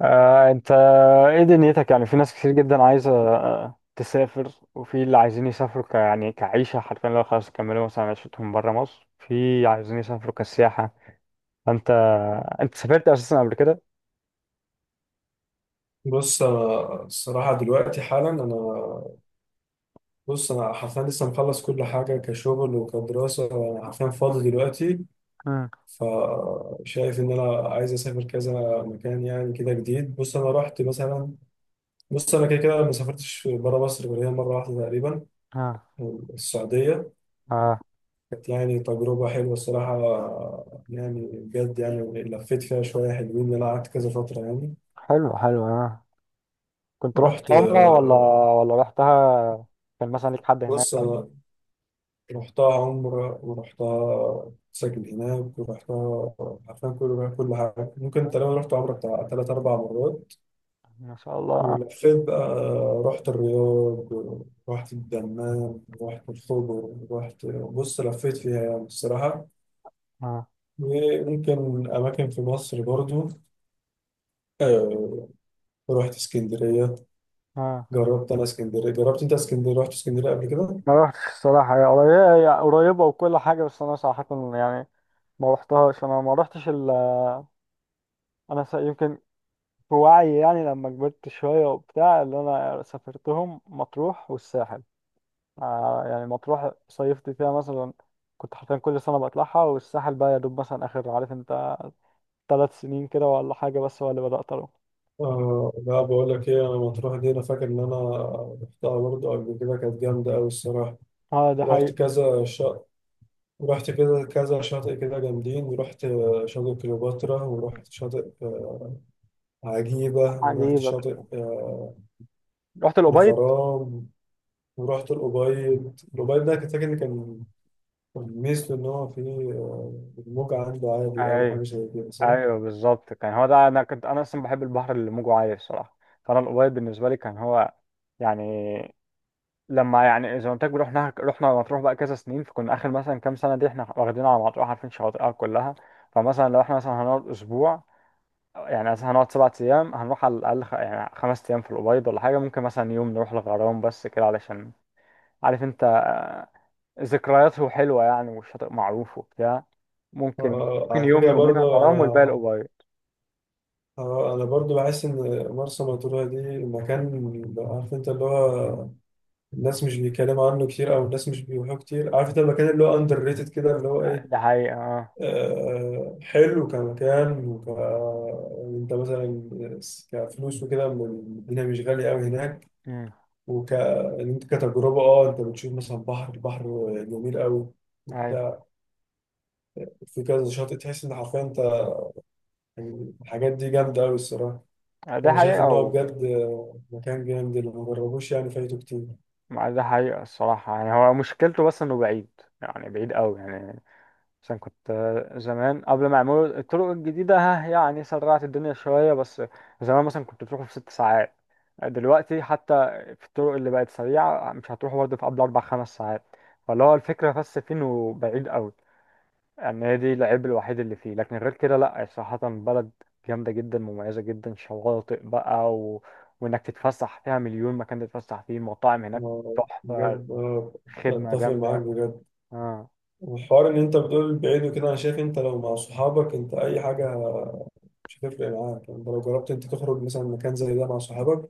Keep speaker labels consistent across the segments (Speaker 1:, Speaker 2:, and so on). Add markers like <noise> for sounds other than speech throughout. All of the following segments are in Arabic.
Speaker 1: انت ايه دنيتك، يعني في ناس كتير جدا عايزة تسافر، وفي اللي عايزين يسافروا ك... يعني كعيشة حرفيا لو خلاص كملوا مثلا عيشتهم برا مصر، في عايزين يسافروا كسياحة. انت انت سافرت اساسا قبل كده؟
Speaker 2: بص، الصراحة دلوقتي حالا أنا. بص، أنا حرفيا لسه مخلص كل حاجة كشغل وكدراسة. أنا حرفيا فاضي دلوقتي.
Speaker 1: امم
Speaker 2: فشايف إن أنا عايز أسافر كذا مكان يعني كده جديد. بص، أنا رحت مثلا. بص، أنا كده كده ما سافرتش برا مصر غير هي مرة واحدة تقريبا،
Speaker 1: اه.
Speaker 2: السعودية.
Speaker 1: اه،
Speaker 2: كانت يعني تجربة حلوة الصراحة، يعني بجد يعني لفيت فيها شوية حلوين، إن أنا قعدت كذا فترة يعني.
Speaker 1: حلو حلو اه. كنت
Speaker 2: رحت.
Speaker 1: رحت عمرة ولا ولا رحتها؟ كان مثلا ليك حد هناك
Speaker 2: بص،
Speaker 1: او
Speaker 2: أنا رحتها عمرة ورحتها ساكن هناك ورحتها، عارفين كل حاجة ممكن،
Speaker 1: كده؟
Speaker 2: تقريبا رحت عمرة بتاع تلات أربع مرات.
Speaker 1: ما شاء الله اه.
Speaker 2: ولفيت بقى، رحت الرياض، رحت الدمام، رحت الخبر، رحت، بص، لفيت فيها يعني الصراحة.
Speaker 1: اه
Speaker 2: وممكن أماكن في مصر برضو. آه، رحت اسكندرية.
Speaker 1: اه.
Speaker 2: جربت أنا اسكندرية، جربت أنت اسكندرية، رحت اسكندرية قبل كده؟
Speaker 1: ما رحتش الصراحة، هي قريبة هي قريبة وكل حاجة، بس أنا صراحة يعني ما رحتهاش. أنا ما رحتش ال... أنا س... يمكن بوعي يعني لما كبرت شوية وبتاع، اللي أنا سافرتهم مطروح والساحل. آه يعني مطروح صيفت فيها مثلا، كنت حرفيا كل سنة بطلعها، والساحل بقى يا دوب مثلا آخر عارف أنت 3 سنين كده ولا حاجة بس هو اللي بدأت أروح.
Speaker 2: آه لا، بقول لك ايه، انا مطروح دي انا فاكر ان انا رحتها برضه قبل كده، كانت جامده قوي الصراحه.
Speaker 1: اه ده
Speaker 2: رحت
Speaker 1: حقيقي.
Speaker 2: كذا شاطئ، رحت كده كذا شاطئ كده جامدين، رحت شاطئ كليوباترا، ورحت شاطئ عجيبه، ورحت
Speaker 1: عجيب
Speaker 2: شاطئ
Speaker 1: أكتر. <laughs> رحت الأبيض.
Speaker 2: الغرام. ورحت الأبيض. الأبيض ده كنت فاكر إن كان، كان ميزته إن هو فيه الموج عنده عالي أو حاجة
Speaker 1: ايوه
Speaker 2: زي كده، صح؟
Speaker 1: ايوه بالظبط، كان هو ده. انا كنت انا اصلا بحب البحر اللي موجه عالي الصراحه، فانا الابيض بالنسبه لي كان هو يعني، لما يعني زي ما قلت لك، رحنا مطروح بقى كذا سنين، فكنا اخر مثلا كام سنه دي احنا واخدين على مطروح، عارفين شواطئها كلها. فمثلا لو احنا مثلا هنقعد اسبوع، يعني مثلا هنقعد 7 ايام، هنروح على الاقل خ... يعني 5 ايام في الابيض ولا حاجه، ممكن مثلا يوم نروح الغرام بس كده، علشان عارف انت ذكرياته حلوه يعني، والشاطئ معروف وبتاع. ممكن ممكن
Speaker 2: على
Speaker 1: يوم
Speaker 2: فكرة
Speaker 1: يومين
Speaker 2: برضه
Speaker 1: الغرام والباقي
Speaker 2: أنا،
Speaker 1: الأوبايد.
Speaker 2: اه انا برضو بحس ان مرسى مطروح دي مكان، عارف انت اللي هو الناس مش بيتكلموا عنه كتير او الناس مش بيروحوا كتير، عارف انت المكان اللي هو اندر ريتد كده اللي هو ايه.
Speaker 1: ده حقيقة اه.
Speaker 2: آه حلو كمكان، وك يعني انت مثلا كفلوس وكده الدنيا مش غالية قوي هناك.
Speaker 1: أمم،
Speaker 2: وك إن انت كتجربة اه انت بتشوف مثلا بحر جميل قوي
Speaker 1: أيوة.
Speaker 2: وبتاع. في كذا شاطئ، تحس ان حرفيا انت يعني الحاجات دي جامدة قوي الصراحة.
Speaker 1: ده
Speaker 2: فأنا شايف
Speaker 1: حقيقة
Speaker 2: إن هو
Speaker 1: و...
Speaker 2: بجد مكان جامد، اللي ما جربوش يعني فايته كتير.
Speaker 1: ده حقيقة الصراحة، يعني هو مشكلته بس إنه بعيد، يعني بعيد أوي يعني. عشان كنت زمان قبل ما يعملوا الطرق الجديدة ها، يعني سرعت الدنيا شوية، بس زمان مثلا كنت بتروحوا في 6 ساعات. دلوقتي حتى في الطرق اللي بقت سريعة مش هتروحوا برضه في قبل 4 خمس ساعات. فاللي هو الفكرة بس فين، وبعيد أوي يعني، هي دي العيب الوحيد اللي فيه. لكن غير كده لأ، صراحة بلد جامدة جدا، مميزة جدا، شواطئ بقى و... وإنك تتفسح فيها مليون مكان تتفسح فيه، مطاعم هناك
Speaker 2: ما-
Speaker 1: تحفة،
Speaker 2: بجد،
Speaker 1: خدمة
Speaker 2: أتفق معاك
Speaker 1: جامدة.
Speaker 2: بجد.
Speaker 1: آه.
Speaker 2: والحوار إن أنت بتقول بعيد وكده، أنا شايف أنت لو مع صحابك أنت أي حاجة مش هتفرق معاك، يعني أنت لو جربت أنت تخرج مثلا مكان زي ده مع صحابك،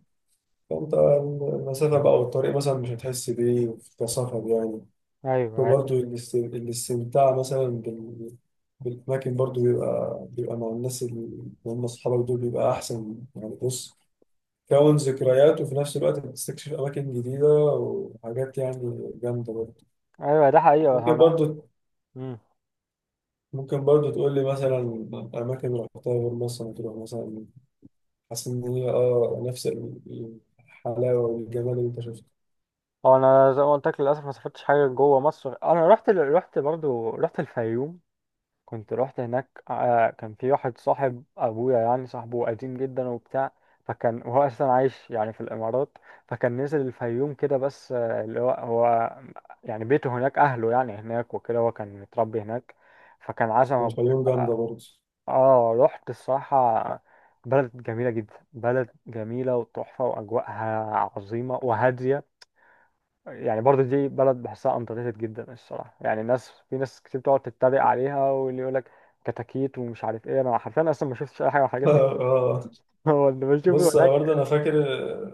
Speaker 2: فأنت المسافة بقى والطريق مثلا مش هتحس بيه في كصفر يعني.
Speaker 1: أيوه أيوه
Speaker 2: وبرضه الاستمتاع مثلا بالأماكن برضه بيبقى مع الناس اللي هم أصحابك دول، بيبقى أحسن يعني. بص، تكون ذكريات وفي نفس الوقت بتستكشف أماكن جديدة وحاجات يعني جامدة برضه.
Speaker 1: أيوه ده حقيقة.
Speaker 2: ممكن
Speaker 1: أنا،
Speaker 2: برضه، ممكن برضه تقول لي مثلا أماكن رحتها غير مصر مطروح مثلا، حاسس إن هي آه نفس الحلاوة والجمال اللي أنت شفته.
Speaker 1: هو انا زي ما قلت لك للاسف ما سافرتش حاجه جوه مصر. انا رحت برضو، رحت الفيوم. كنت رحت هناك كان في واحد صاحب ابويا، يعني صاحبه قديم جدا وبتاع. فكان <laughs> وهو اساسا عايش يعني في الامارات، فكان نزل الفيوم كده بس اللي هو هو يعني بيته هناك، اهله يعني هناك وكده، هو كان متربي هناك، فكان عزم ابويا.
Speaker 2: والفيوم جامدة برضه.
Speaker 1: اه رحت الصراحه، بلد جميله جدا، بلد جميله وتحفه، واجواءها عظيمه وهاديه. يعني برضه دي بلد بحسها underrated جدا الصراحة، يعني ناس، في ناس كتير بتقعد تتريق عليها، واللي يقول لك كتاكيت ومش عارف ايه، انا حرفيا اصلا ما شفتش اي حاجة من
Speaker 2: <laughs>
Speaker 1: الحاجات دي.
Speaker 2: آه.
Speaker 1: <laughs> هو اللي بشوفه
Speaker 2: بص، أنا
Speaker 1: هناك.
Speaker 2: برضه أنا فاكر،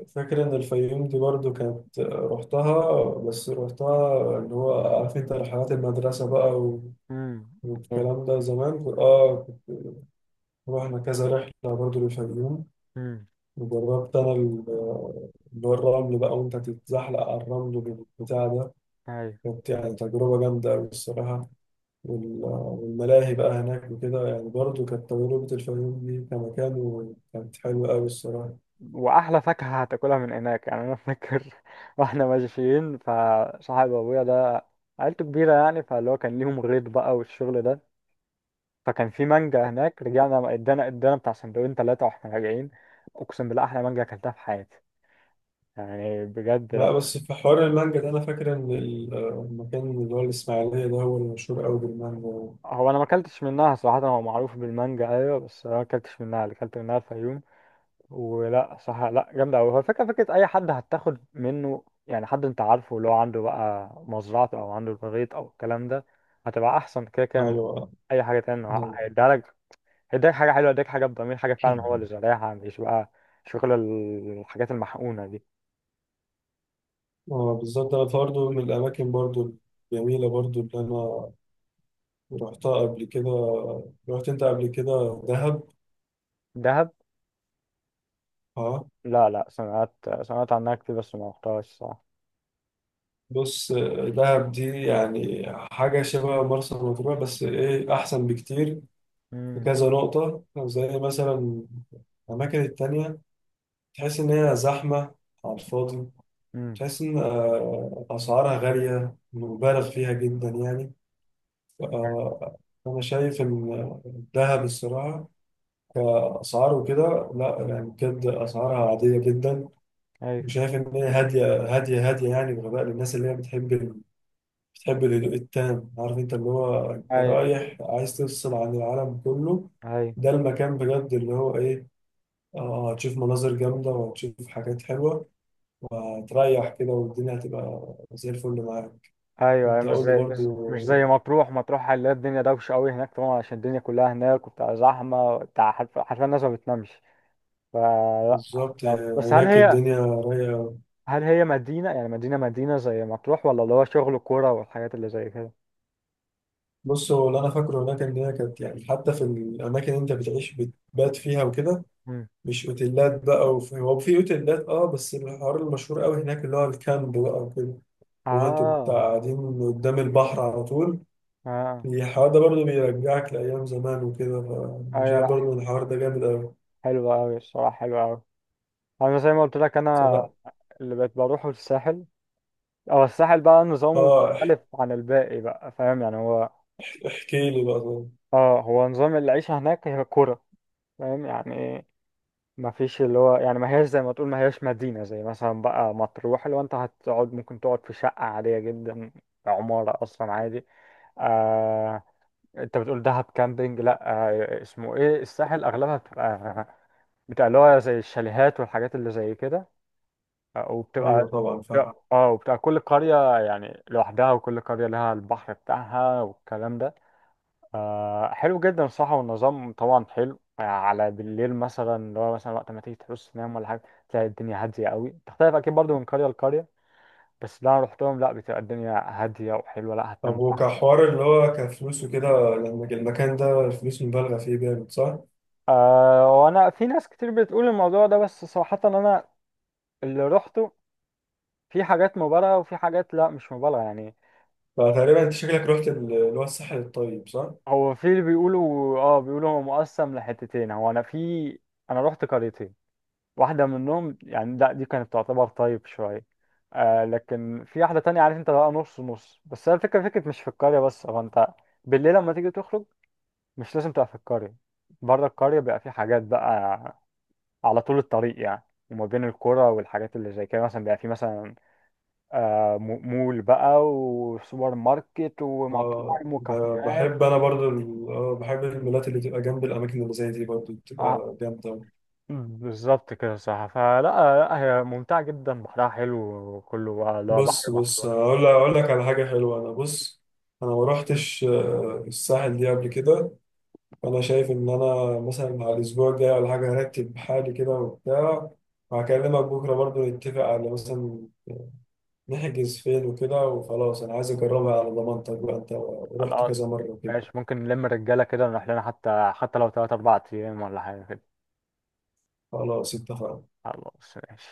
Speaker 2: فاكر إن الفيوم دي برضه كانت رحتها، بس رحتها اللي هو عارف أنت رحلات المدرسة بقى
Speaker 1: امم
Speaker 2: والكلام ده زمان آه. رحنا كذا رحلة برضو للفيوم.
Speaker 1: امم
Speaker 2: وجربت أنا اللي هو الرمل بقى، وأنت تتزحلق على الرمل والبتاع ده،
Speaker 1: ايوه.
Speaker 2: كانت يعني تجربة جامدة أوي الصراحة. والملاهي بقى هناك وكده، يعني برضو كانت تجربة الفيوم دي كمكان، وكانت حلوة أوي الصراحة.
Speaker 1: واحلى فاكهة هتاكلها من هناك، يعني انا فاكر <laughs> واحنا ماشيين، فصاحب ابويا ده عيلته كبيرة يعني، فاللي هو كان ليهم غيط بقى والشغل ده، فكان في مانجا هناك. رجعنا ادانا بتاع سندوتشين 3 واحنا راجعين، اقسم بالله احلى مانجا اكلتها في حياتي، يعني بجد
Speaker 2: لا
Speaker 1: لا.
Speaker 2: بس في حوار المانجا ده أنا فاكر إن المكان اللي هو الإسماعيلية ده هو المشهور أوي بالمانجا.
Speaker 1: هو انا ما اكلتش منها صراحه، هو معروف بالمانجا ايوه بس انا ما اكلتش منها، اللي اكلت منها الفيوم. ولا صح، لا جامده قوي. هو الفكره اي حد هتاخد منه، يعني حد انت عارفه اللي هو عنده بقى مزرعته، او عنده البغيط او الكلام ده، هتبقى احسن كده كده من
Speaker 2: أيوه،
Speaker 1: اي حاجه تانية. هو
Speaker 2: أيوه.
Speaker 1: هيديها لك، هيديك حاجه حلوه، هيديك حاجه بضمير، حاجه فعلا هو اللي
Speaker 2: <laughs>
Speaker 1: زارعها، مش بقى شغل الحاجات المحقونه دي.
Speaker 2: اه بالظبط، انا برضه من الاماكن برضه الجميله برضه اللي انا رحتها قبل كده، رحت انت قبل كده دهب؟
Speaker 1: دهب.
Speaker 2: اه.
Speaker 1: لا لا، سمعت، سمعت عنها كتير بس ما رحتهاش صح.
Speaker 2: بص، دهب دي يعني حاجة شبه مرسى مطروح بس ايه، أحسن بكتير. في
Speaker 1: امم
Speaker 2: كذا نقطة زي مثلا الأماكن التانية، تحس إن هي زحمة على الفاضي،
Speaker 1: امم
Speaker 2: تحس إن أسعارها غالية مبالغ فيها جدا يعني. آه، أنا شايف إن دهب الصراحة كأسعار وكده لا، يعني بجد أسعارها عادية جدا.
Speaker 1: ايوه
Speaker 2: وشايف ان هي هاديه هاديه هاديه، يعني بغباء للناس اللي هي بتحب بتحب الهدوء التام، عارف انت اللي هو انت
Speaker 1: ايوه.
Speaker 2: رايح عايز تفصل عن العالم كله.
Speaker 1: ايوه
Speaker 2: ده المكان بجد اللي هو ايه، اه هتشوف مناظر جامده وهتشوف حاجات حلوه وهتريح كده، والدنيا هتبقى زي الفل معاك.
Speaker 1: ايوه أيوة،
Speaker 2: انت قول لي
Speaker 1: مش
Speaker 2: برضو.
Speaker 1: زي مطروح. مطروح هنلاقي الدنيا دوشه قوي هناك طبعا، عشان الدنيا كلها هناك وبتاع، زحمه بتاع حرف- حرفيا الناس ما بتنامش، فلا.
Speaker 2: بالظبط،
Speaker 1: بس هل
Speaker 2: هناك
Speaker 1: هي،
Speaker 2: الدنيا رايقه.
Speaker 1: هل هي مدينه يعني، مدينه مدينه زي مطروح، ولا اللي هو شغل كوره والحاجات اللي زي كده؟
Speaker 2: بص، هو اللي انا فاكره هناك ان هي كانت يعني حتى في الاماكن اللي انت بتعيش بتبات فيها وكده،
Speaker 1: مم.
Speaker 2: مش اوتيلات بقى، وفي هو في اوتيلات اه، بس الحوار المشهور قوي هناك اللي هو الكامب بقى وكده. هو انتوا بتاع
Speaker 1: اه.
Speaker 2: قاعدين قدام البحر على طول.
Speaker 1: اه
Speaker 2: الحوار ده برضه بيرجعك لأيام زمان وكده، فأنا
Speaker 1: ايوه
Speaker 2: شايف
Speaker 1: لا،
Speaker 2: برضه إن الحوار ده جامد أوي.
Speaker 1: حلوه قوي الصراحه، حلوه قوي. انا زي ما قلت لك، انا
Speaker 2: فلا،
Speaker 1: اللي بقيت بروحه الساحل، او الساحل بقى نظامه
Speaker 2: اه
Speaker 1: مختلف عن الباقي بقى فاهم يعني. هو
Speaker 2: احكي لي بقى طبعا.
Speaker 1: اه، هو نظام العيشه هناك هي كوره فاهم يعني. ما فيش اللي هو، يعني ما هياش زي ما تقول، ما هياش مدينة زي مثلا بقى مطروح، اللي هو انت هتقعد ممكن تقعد في شقة عادية جدا، عمارة اصلا عادي. آه. انت بتقول دهب كامبينج، لا. آه اسمه ايه، الساحل اغلبها بتبقى، اللي هو زي الشاليهات والحاجات اللي زي كده،
Speaker 2: أيوه
Speaker 1: وبتبقى،
Speaker 2: طبعا فاهم.
Speaker 1: اه وبتبقى كل قرية يعني لوحدها، وكل قرية لها البحر بتاعها والكلام ده. آه حلو جدا صح. والنظام طبعا حلو على بالليل مثلا، اللي هو مثلا وقت ما تيجي تحس تنام ولا حاجة، تلاقي الدنيا هادية قوي. تختلف أكيد برضو من قرية لقرية، بس اللي أنا روحتهم لأ، بتبقى الدنيا هادية وحلوة، لأ
Speaker 2: طب
Speaker 1: هتنام براحتك.
Speaker 2: وكحوار اللي هو كفلوس وكده، لما المكان ده الفلوس مبالغة فيه جامد، صح؟
Speaker 1: آه. وأنا في ناس كتير بتقول الموضوع ده، بس صراحة أنا اللي روحته، في حاجات مبالغة وفي حاجات لأ مش مبالغة يعني.
Speaker 2: فتقريبا أنت شكلك رحت اللي هو الساحل الطيب، صح؟
Speaker 1: هو في اللي بيقولوا اه، بيقولوا هو مقسم لحتتين، هو أنا في، أنا روحت قريتين، واحدة منهم يعني لا دي كانت تعتبر طيب شوية، آه لكن في واحدة تانية عارف انت بقى نص نص. بس هي الفكرة، مش في القرية بس، هو انت بالليل لما تيجي تخرج مش لازم تبقى في القرية. بره القرية بيبقى في حاجات بقى على طول الطريق يعني، وما بين القرى والحاجات اللي زي كده مثلا بيبقى في مثلا مول بقى وسوبر ماركت
Speaker 2: اه،
Speaker 1: ومطاعم وكافيهات.
Speaker 2: بحب انا برضو اه بحب المولات اللي تبقى جنب الاماكن اللي زي دي، برضو
Speaker 1: آه
Speaker 2: بتبقى جامده أوي.
Speaker 1: بالظبط كده صح. فلا لا، هي ممتعة جدا، بحرها حلو، وكله بقى اللي هو بحر
Speaker 2: بص، بص،
Speaker 1: مفتوح.
Speaker 2: اقول لك، اقول لك على حاجه حلوه. انا بص، انا ما روحتش الساحل دي قبل كده. فانا شايف ان انا مثلا على الاسبوع الجاي ولا حاجه هرتب حالي كده وبتاع، وهكلمك بكره برضو نتفق على مثلا نحجز فين وكده، وخلاص انا عايز اجربها على ضمانتك بقى، انت رحت كذا مره كده.
Speaker 1: ماشي، ممكن نلم الرجالة كده ونروح لنا، حتى لو 3 أربع أيام ولا حاجة كده.
Speaker 2: خلاص اتفقنا.
Speaker 1: خلاص ماشي.